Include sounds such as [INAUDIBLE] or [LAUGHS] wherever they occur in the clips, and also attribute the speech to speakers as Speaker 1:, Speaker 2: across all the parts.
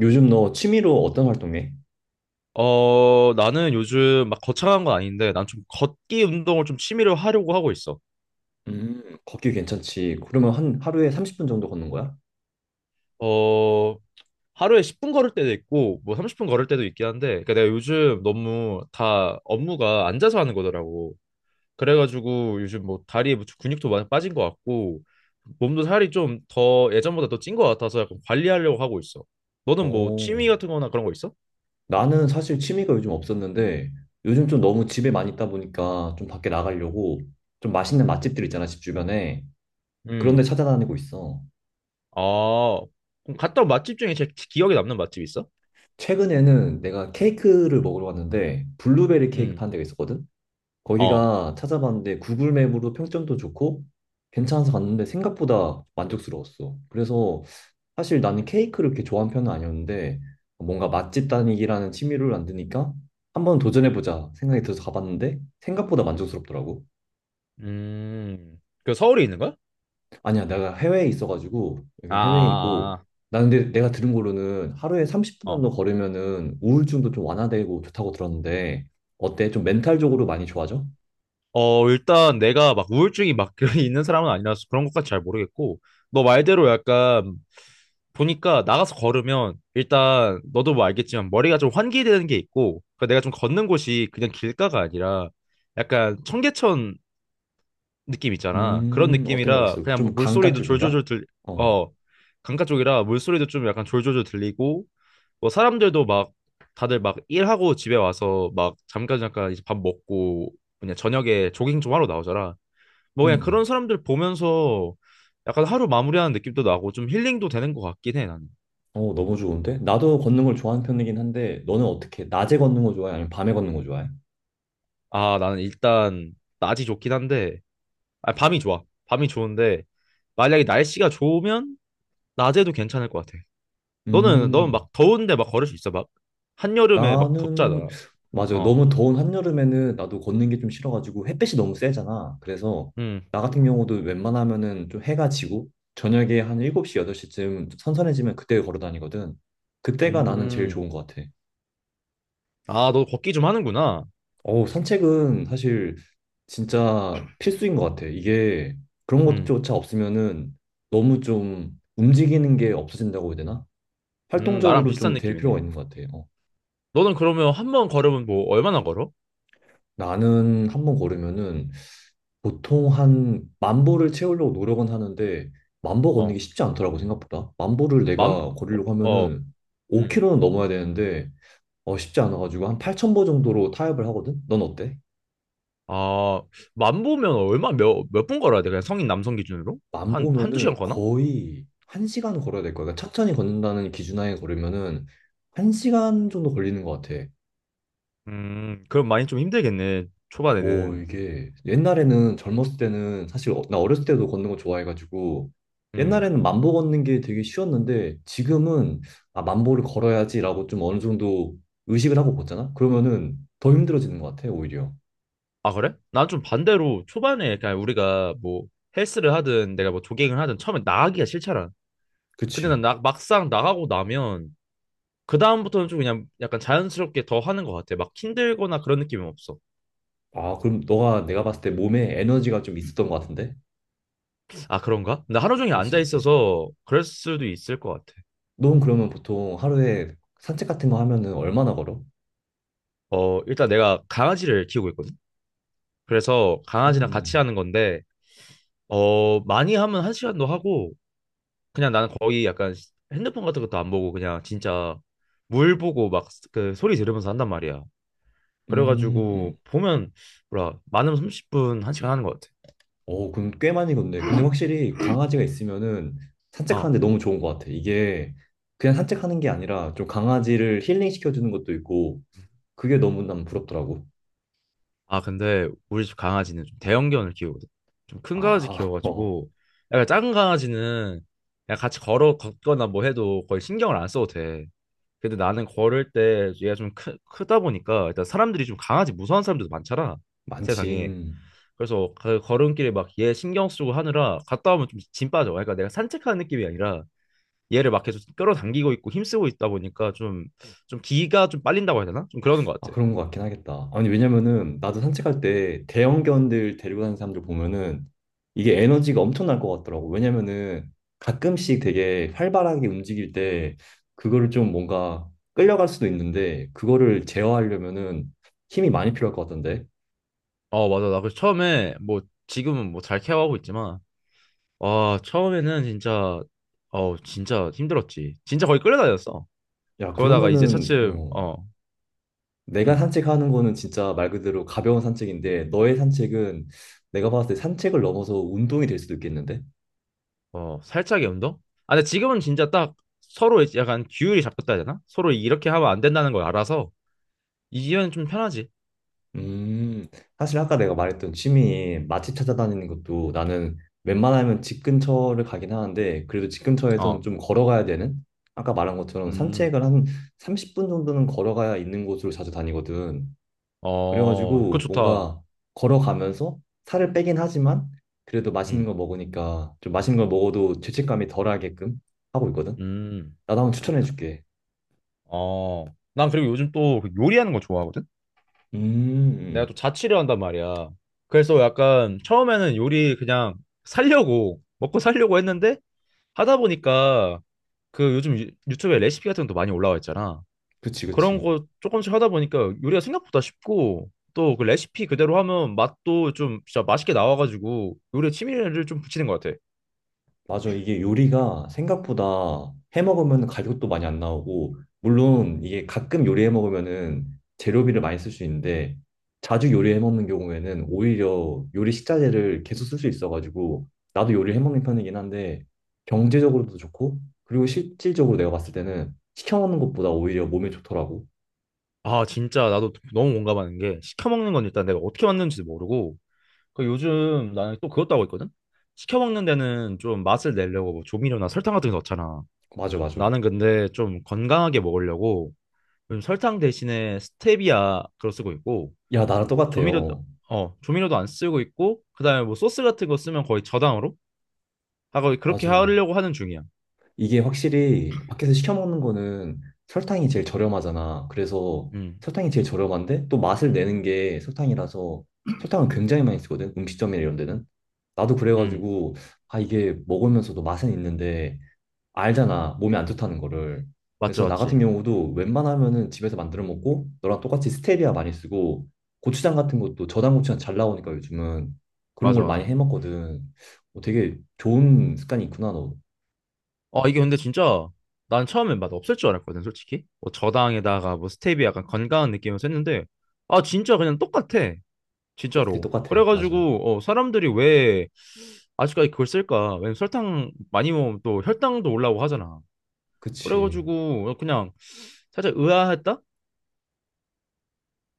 Speaker 1: 요즘 너 취미로 어떤 활동 해?
Speaker 2: 어, 나는 요즘 막 거창한 건 아닌데, 난 좀 걷기 운동을 좀 취미로 하려고 하고 있어.
Speaker 1: 걷기 괜찮지? 그러면 한 하루에 30분 정도 걷는 거야?
Speaker 2: 어, 하루에 10분 걸을 때도 있고, 뭐 30분 걸을 때도 있긴 한데, 그러니까 내가 요즘 너무 다 업무가 앉아서 하는 거더라고. 그래가지고 요즘 뭐 다리에 뭐 근육도 많이 빠진 것 같고, 몸도 살이 좀 더 예전보다 더 찐 것 같아서 약간 관리하려고 하고 있어. 너는 뭐
Speaker 1: 어.
Speaker 2: 취미 같은 거나 그런 거 있어?
Speaker 1: 나는 사실 취미가 요즘 없었는데 요즘 좀 너무 집에 많이 있다 보니까 좀 밖에 나가려고 좀 맛있는 맛집들 있잖아, 집 주변에. 그런 데
Speaker 2: 음.
Speaker 1: 찾아다니고 있어.
Speaker 2: 아, 그럼 갔다 온 맛집 중에 제일 기억에 남는 맛집 있어?
Speaker 1: 최근에는 내가 케이크를 먹으러 갔는데 블루베리 케이크
Speaker 2: 음.
Speaker 1: 파는 데가 있었거든?
Speaker 2: 어.
Speaker 1: 거기가 찾아봤는데 구글 맵으로 평점도 좋고 괜찮아서 갔는데 생각보다 만족스러웠어. 그래서 사실 나는 케이크를 그렇게 좋아하는 편은 아니었는데 뭔가 맛집 다니기라는 취미를 만드니까 한번 도전해보자 생각이 들어서 가봤는데 생각보다 만족스럽더라고.
Speaker 2: 음, 그 서울에 있는 거야?
Speaker 1: 아니야, 내가 해외에 있어가지고
Speaker 2: 아,
Speaker 1: 여긴 해외이고,
Speaker 2: 아,
Speaker 1: 나는 근데 내가 들은 거로는 하루에 30분
Speaker 2: 아,
Speaker 1: 정도
Speaker 2: 어.
Speaker 1: 걸으면은 우울증도 좀 완화되고 좋다고 들었는데 어때? 좀 멘탈적으로 많이 좋아져?
Speaker 2: 어, 일단 내가 막 우울증이 막 [LAUGHS] 있는 사람은 아니라서 그런 것까지 잘 모르겠고, 너 말대로 약간 보니까 나가서 걸으면 일단 너도 뭐 알겠지만 머리가 좀 환기되는 게 있고, 그러니까 내가 좀 걷는 곳이 그냥 길가가 아니라 약간 청계천 느낌 있잖아. 그런
Speaker 1: 어떤 걸
Speaker 2: 느낌이라
Speaker 1: 알겠어.
Speaker 2: 그냥 뭐
Speaker 1: 좀 강가
Speaker 2: 물소리도
Speaker 1: 쪽인가?
Speaker 2: 졸졸졸
Speaker 1: 어,
Speaker 2: 어, 강가 쪽이라 물소리도 좀 약간 졸졸졸 들리고, 뭐 사람들도 막 다들 막 일하고 집에 와서 막 잠깐 이제 밥 먹고 그냥 저녁에 조깅 좀 하러 나오잖아. 뭐 그냥 그런
Speaker 1: 음.
Speaker 2: 사람들 보면서 약간 하루 마무리하는 느낌도 나고 좀 힐링도 되는 것 같긴 해, 나는.
Speaker 1: 어, 너무 좋은데? 나도 걷는 걸 좋아하는 편이긴 한데, 너는 어떻게, 해? 낮에 걷는 거 좋아해? 아니면 밤에 걷는 거 좋아해?
Speaker 2: 아, 나는 일단 낮이 좋긴 한데, 아, 밤이 좋아. 밤이 좋은데, 만약에 날씨가 좋으면 낮에도 괜찮을 것 같아. 너는
Speaker 1: 음,
Speaker 2: 막 더운데 막 걸을 수 있어 막 한여름에 막
Speaker 1: 나는,
Speaker 2: 덥잖아?
Speaker 1: 맞아. 요
Speaker 2: 어.
Speaker 1: 너무 더운 한여름에는 나도 걷는 게 좀 싫어가지고 햇빛이 너무 세잖아. 그래서
Speaker 2: 음.
Speaker 1: 나 같은 경우도 웬만하면은 좀 해가 지고 저녁에 한 7시, 8시쯤 선선해지면 그때 걸어 다니거든. 그때가 나는 제일
Speaker 2: 음.
Speaker 1: 좋은 것 같아.
Speaker 2: 아, 너 걷기 좀 하는구나.
Speaker 1: 어우, 산책은 사실 진짜 필수인 것 같아. 이게 그런
Speaker 2: 음.
Speaker 1: 것조차 없으면은 너무 좀 움직이는 게 없어진다고 해야 되나?
Speaker 2: 음. 나랑
Speaker 1: 활동적으로
Speaker 2: 비슷한
Speaker 1: 좀 될
Speaker 2: 느낌이네.
Speaker 1: 필요가 있는 것 같아. 요
Speaker 2: 너는 그러면 한번 걸으면 뭐 얼마나 걸어?
Speaker 1: 나는 한 번 걸으면은 보통 한 만보를 채우려고 노력은 하는데 만 보 걷는 게
Speaker 2: 어만어음아만
Speaker 1: 쉽지 않더라고 생각보다. 만 보를 내가 걸으려고 하면은 5km는 넘어야 되는데 어 쉽지 않아가지고 한 8,000보 정도로 타협을 하거든. 넌 어때?
Speaker 2: 보면 얼마 몇 분 걸어야 돼? 그냥 성인 남성 기준으로 한 한두 시간
Speaker 1: 만 보면은
Speaker 2: 걸나?
Speaker 1: 거의 1시간 걸어야 될 거야. 그러니까 천천히 걷는다는 기준하에 걸으면은 1시간 정도 걸리는 것 같아.
Speaker 2: 음, 그럼 많이 좀 힘들겠네
Speaker 1: 오,
Speaker 2: 초반에는.
Speaker 1: 이게 옛날에는 젊었을 때는 사실 나 어렸을 때도 걷는 거 좋아해가지고
Speaker 2: 음.
Speaker 1: 옛날에는 만 보 걷는 게 되게 쉬웠는데 지금은 아, 만 보를 걸어야지라고 좀 어느 정도 의식을 하고 걷잖아? 그러면은 더 힘들어지는 것 같아, 오히려.
Speaker 2: 아, 그래? 난 좀 반대로 초반에 그냥 우리가 뭐 헬스를 하든 내가 뭐 조깅을 하든 처음에 나가기가 싫잖아. 근데
Speaker 1: 그치?
Speaker 2: 막상 나가고 나면 그다음부터는 좀 그냥 약간 자연스럽게 더 하는 것 같아. 막 힘들거나 그런 느낌은 없어.
Speaker 1: 아, 그럼 너가 내가 봤을 때 몸에 에너지가 좀 있었던 것 같은데?
Speaker 2: 아, 그런가? 나 하루 종일
Speaker 1: 그럴 수
Speaker 2: 앉아
Speaker 1: 있지.
Speaker 2: 있어서 그럴 수도 있을 것 같아.
Speaker 1: 넌 그러면 보통 하루에 산책 같은 거 하면은 얼마나 걸어?
Speaker 2: 어, 일단 내가 강아지를 키우고 있거든. 그래서
Speaker 1: 그러면,
Speaker 2: 강아지랑 같이 하는 건데, 어, 많이 하면 한 시간도 하고, 그냥 나는 거의 약간 핸드폰 같은 것도 안 보고 그냥 진짜 물 보고 막 그 소리 들으면서 한단 말이야.
Speaker 1: 음, 음.
Speaker 2: 그래가지고 보면 뭐라 많으면 30분 한 시간 하는 것 같아.
Speaker 1: 오, 그럼 꽤 많이 걷네. 근데 확실히 강아지가 있으면은
Speaker 2: 어.
Speaker 1: 산책하는데 너무 좋은 것 같아. 이게 그냥 산책하는 게 아니라 좀 강아지를 힐링시켜주는 것도 있고 그게 너무 난 부럽더라고.
Speaker 2: 아, 근데 우리 집 강아지는 좀 대형견을 키우거든. 좀 큰 강아지
Speaker 1: 아, [LAUGHS] 어,
Speaker 2: 키워가지고 약간 작은 강아지는 그냥 같이 걸어 걷거나 뭐 해도 거의 신경을 안 써도 돼. 근데 나는 걸을 때 얘가 크다 보니까 일단 사람들이 좀 강아지 무서운 사람들도 많잖아.
Speaker 1: 많지.
Speaker 2: 세상에.
Speaker 1: 음.
Speaker 2: 그래서 그 걸음길에 막 얘 신경 쓰고 하느라 갔다 오면 좀 짐 빠져. 그러니까 내가 산책하는 느낌이 아니라 얘를 막 계속 끌어당기고 있고 힘쓰고 있다 보니까 좀 기가 좀 빨린다고 해야 되나? 좀 그러는 것
Speaker 1: 아,
Speaker 2: 같아.
Speaker 1: 그런 것 같긴 하겠다. 아니, 왜냐면은 나도 산책할 때 대형견들 데리고 다니는 사람들 보면은 이게 에너지가 엄청날 것 같더라고. 왜냐면은 가끔씩 되게 활발하게 움직일 때 그거를 좀 뭔가 끌려갈 수도 있는데 그거를 제어하려면은 힘이 많이 필요할 것 같던데.
Speaker 2: 어, 맞아. 나 그 처음에 뭐 지금은 뭐 잘 케어하고 있지만 와, 처음에는 진짜 어, 진짜 힘들었지. 진짜 거의 끌려다녔어.
Speaker 1: 야,
Speaker 2: 그러다가 이제
Speaker 1: 그러면은
Speaker 2: 차츰
Speaker 1: 뭐
Speaker 2: 어,
Speaker 1: 내가
Speaker 2: 음,
Speaker 1: 산책하는 거는 진짜 말 그대로 가벼운 산책인데 너의 산책은 내가 봤을 때 산책을 넘어서 운동이 될 수도 있겠는데?
Speaker 2: 어, 살짝의 운동? 아, 근데 지금은 진짜 딱 서로 이제 약간 규율이 잡혔다 해야 되나? 서로 이렇게 하면 안 된다는 걸 알아서 이제는 좀 편하지.
Speaker 1: 음, 사실 아까 내가 말했던 취미 맛집 찾아다니는 것도 나는
Speaker 2: 음.
Speaker 1: 웬만하면 집 근처를 가긴 하는데 그래도 집 근처에선
Speaker 2: 어.
Speaker 1: 좀 걸어가야 되는, 아까 말한 것처럼
Speaker 2: 음. 음.
Speaker 1: 산책을 한 30분 정도는 걸어가야 있는 곳으로 자주 다니거든.
Speaker 2: 어, 그거
Speaker 1: 그래가지고
Speaker 2: 좋다.
Speaker 1: 뭔가 걸어가면서 살을 빼긴 하지만 그래도 맛있는 거
Speaker 2: 음.
Speaker 1: 먹으니까 좀 맛있는 걸 먹어도 죄책감이 덜하게끔 하고 있거든.
Speaker 2: 음.
Speaker 1: 나도 한번 추천해줄게.
Speaker 2: 어, 난 그리고 요즘 또그 요리하는 거 좋아하거든?
Speaker 1: 음, 음,
Speaker 2: 내가
Speaker 1: 음.
Speaker 2: 또 자취를 한단 말이야. 그래서 약간 처음에는 요리 그냥 살려고, 먹고 살려고 했는데 하다 보니까 그 요즘 유튜브에 레시피 같은 것도 많이 올라와 있잖아.
Speaker 1: 그치,
Speaker 2: 그런
Speaker 1: 그치.
Speaker 2: 거 조금씩 하다 보니까 요리가 생각보다 쉽고 또 그 레시피 그대로 하면 맛도 좀 진짜 맛있게 나와가지고 요리에 취미를 좀 붙이는 것 같아.
Speaker 1: 맞아. 이게 요리가 생각보다 해 먹으면 가격도 많이 안 나오고, 물론 이게 가끔 요리해 먹으면은 재료비를 많이 쓸 수 있는데, 자주 요리해 먹는 경우에는 오히려 요리 식자재를 계속 쓸 수 있어가지고, 나도 요리해 먹는 편이긴 한데, 경제적으로도 좋고, 그리고 실질적으로 내가 봤을 때는 시켜 먹는 것보다 오히려 몸에 좋더라고.
Speaker 2: 아, 진짜 나도 너무 공감하는 게 시켜 먹는 건 일단 내가 어떻게 만드는지도 모르고 그 요즘 나는 또 그것도 하고 있거든? 시켜 먹는 데는 좀 맛을 내려고 뭐 조미료나 설탕 같은 거 넣잖아.
Speaker 1: 맞아, 맞아.
Speaker 2: 나는 근데 좀 건강하게 먹으려고 요즘 설탕 대신에 스테비아 그거 쓰고 있고
Speaker 1: 야, 나랑
Speaker 2: 조미료도
Speaker 1: 똑같아요.
Speaker 2: 조미료도 안 쓰고 있고 그다음에 뭐 소스 같은 거 쓰면 거의 저당으로 하고 그렇게
Speaker 1: 맞아.
Speaker 2: 하려고 하는 중이야.
Speaker 1: 이게 확실히 밖에서 시켜 먹는 거는 설탕이 제일 저렴하잖아. 그래서
Speaker 2: 음,
Speaker 1: 설탕이 제일 저렴한데 또 맛을 내는 게 설탕이라서 설탕을 굉장히 많이 쓰거든. 음식점이나 이런 데는. 나도
Speaker 2: 음,
Speaker 1: 그래가지고 아 이게 먹으면서도 맛은 있는데 알잖아. 몸에 안 좋다는 거를.
Speaker 2: 맞지,
Speaker 1: 그래서 나 같은
Speaker 2: 맞지,
Speaker 1: 경우도 웬만하면은 집에서 만들어 먹고 너랑 똑같이 스테비아 많이 쓰고 고추장 같은 것도 저당 고추장 잘 나오니까 요즘은 그런
Speaker 2: 맞아,
Speaker 1: 걸 많이
Speaker 2: 맞아.
Speaker 1: 해 먹거든. 어, 되게 좋은 습관이 있구나 너.
Speaker 2: 아, 이게 근데 진짜 난 처음에 맛 없을 줄 알았거든, 솔직히. 뭐 저당에다가 뭐 스테비아 약간 건강한 느낌으로 했는데 아, 진짜 그냥 똑같아.
Speaker 1: 똑같아,
Speaker 2: 진짜로.
Speaker 1: 똑같아, 맞아.
Speaker 2: 그래가지고 어, 사람들이 왜 아직까지 그걸 쓸까? 왜냐면 설탕 많이 먹으면 또 혈당도 올라오고 하잖아.
Speaker 1: 그치.
Speaker 2: 그래가지고 어, 그냥 살짝 의아했다?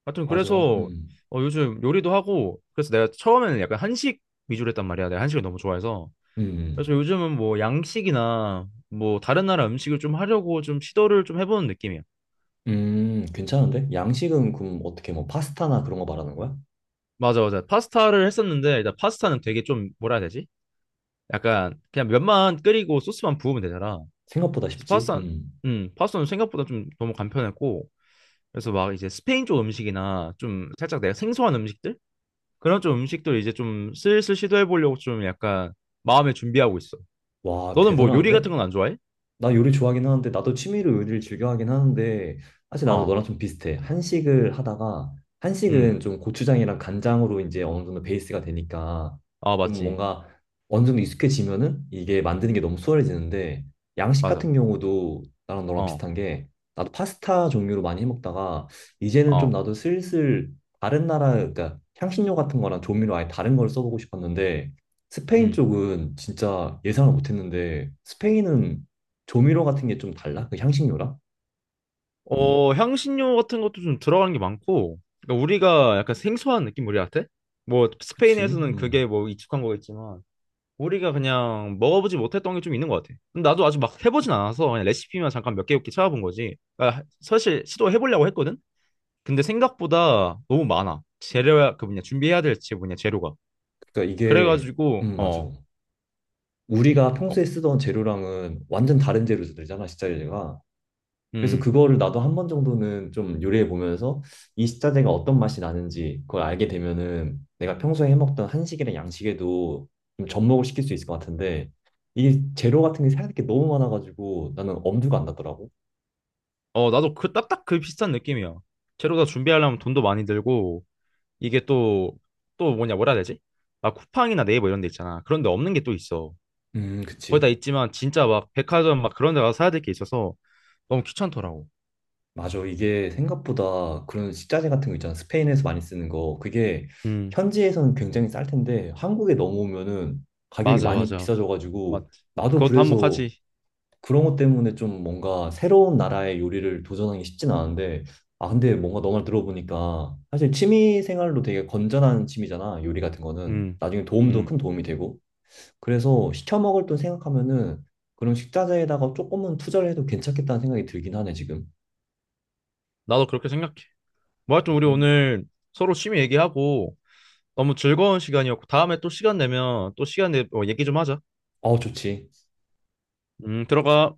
Speaker 2: 하여튼
Speaker 1: 맞아.
Speaker 2: 그래서
Speaker 1: 음.
Speaker 2: 어, 요즘 요리도 하고 그래서 내가 처음에는 약간 한식 위주로 했단 말이야. 내가 한식을 너무 좋아해서. 그래서
Speaker 1: 음.
Speaker 2: 요즘은 뭐 양식이나 뭐 다른 나라 음식을 좀 하려고 좀 시도를 좀 해보는 느낌이야.
Speaker 1: 괜찮은데? 양식은 그럼 어떻게 뭐 파스타나 그런 거 말하는 거야?
Speaker 2: 맞아, 맞아. 파스타를 했었는데 일단 파스타는 되게 좀 뭐라 해야 되지? 약간 그냥 면만 끓이고 소스만 부으면 되잖아.
Speaker 1: 생각보다
Speaker 2: 그래서
Speaker 1: 쉽지.
Speaker 2: 파스타,
Speaker 1: 음.
Speaker 2: 파스타는 생각보다 좀 너무 간편했고, 그래서 막 이제 스페인 쪽 음식이나 좀 살짝 내가 생소한 음식들? 그런 좀 음식들 이제 좀 슬슬 시도해 보려고 좀 약간 마음에 준비하고 있어.
Speaker 1: 와,
Speaker 2: 너는 뭐 요리
Speaker 1: 대단한데?
Speaker 2: 같은 건 안 좋아해?
Speaker 1: 나 요리 좋아하긴 하는데 나도 취미로 요리를 즐겨 하긴 하는데 사실 나도
Speaker 2: 어,
Speaker 1: 너랑 좀 비슷해. 한식을 하다가
Speaker 2: 음,
Speaker 1: 한식은 좀 고추장이랑 간장으로 이제 어느 정도 베이스가 되니까
Speaker 2: 아,
Speaker 1: 좀
Speaker 2: 맞지.
Speaker 1: 뭔가 어느 정도 익숙해지면은 이게 만드는 게 너무 수월해지는데 양식 같은
Speaker 2: 맞아.
Speaker 1: 경우도 나랑 너랑
Speaker 2: 어,
Speaker 1: 비슷한 게 나도 파스타 종류로 많이 해 먹다가 이제는 좀
Speaker 2: 어,
Speaker 1: 나도 슬슬 다른 나라 그러니까 향신료 같은 거랑 조미료 아예 다른 걸 써보고 싶었는데 스페인
Speaker 2: 음.
Speaker 1: 쪽은 진짜 예상을 못 했는데 스페인은 조미료 같은 게 좀 달라? 그 향신료랑?
Speaker 2: 어, 향신료 같은 것도 좀 들어가는 게 많고, 그러니까 우리가 약간 생소한 느낌 우리한테? 뭐
Speaker 1: 그치?
Speaker 2: 스페인에서는 그게
Speaker 1: 음.
Speaker 2: 뭐 익숙한 거겠지만, 우리가 그냥 먹어보지 못했던 게 좀 있는 것 같아. 근데 나도 아직 막 해보진 않아서 그냥 레시피만 잠깐 몇 개 이렇게 찾아본 거지. 그러니까 사실 시도해보려고 했거든? 근데 생각보다 너무 많아. 재료야, 그 뭐냐, 준비해야 될지 뭐냐, 재료가.
Speaker 1: 그러니까 이게
Speaker 2: 그래가지고,
Speaker 1: 맞아.
Speaker 2: 어,
Speaker 1: 우리가
Speaker 2: 어,
Speaker 1: 평소에 쓰던 재료랑은 완전 다른 재료 들잖아 식자재가. 그래서
Speaker 2: 음.
Speaker 1: 그거를 나도 한 번 정도는 좀 요리해 보면서 이 식자재가 어떤 맛이 나는지 그걸 알게 되면은 내가 평소에 해먹던 한식이랑 양식에도 좀 접목을 시킬 수 있을 것 같은데 이게 재료 같은 게 생각할 게 너무 많아가지고 나는 엄두가 안 나더라고.
Speaker 2: 어, 나도 그 딱딱 그 비슷한 느낌이야. 재료 다 준비하려면 돈도 많이 들고, 이게 또, 또 뭐냐, 뭐라 해야 되지? 막 쿠팡이나 네이버 이런 데 있잖아. 그런 데 없는 게 또 있어. 거의 다
Speaker 1: 그치.
Speaker 2: 있지만 진짜 막 백화점 막 그런 데 가서 사야 될 게 있어서 너무 귀찮더라고.
Speaker 1: 맞아. 이게 생각보다 그런 식자재 같은 거 있잖아. 스페인에서 많이 쓰는 거. 그게
Speaker 2: 음.
Speaker 1: 현지에서는 굉장히 쌀 텐데 한국에 넘어오면은 가격이
Speaker 2: 맞아,
Speaker 1: 많이
Speaker 2: 맞아.
Speaker 1: 비싸져가지고
Speaker 2: 맞지.
Speaker 1: 나도
Speaker 2: 그것도
Speaker 1: 그래서
Speaker 2: 한몫하지.
Speaker 1: 그런 것 때문에 좀 뭔가 새로운 나라의 요리를 도전하기 쉽진 않은데 아 근데 뭔가 너 말 들어보니까 사실 취미 생활로 되게 건전한 취미잖아. 요리 같은 거는
Speaker 2: 음,
Speaker 1: 나중에 도움도 큰
Speaker 2: 음.
Speaker 1: 도움이 되고 그래서 시켜 먹을 돈 생각하면은 그런 식자재에다가 조금은 투자를 해도 괜찮겠다는 생각이 들긴 하네 지금.
Speaker 2: 나도 그렇게 생각해. 뭐 하여튼 우리
Speaker 1: 음.
Speaker 2: 오늘 서로 취미 얘기하고 너무 즐거운 시간이었고 다음에 또 시간 내면 또 시간 내 어, 얘기 좀 하자.
Speaker 1: 어, 좋지.
Speaker 2: 들어가.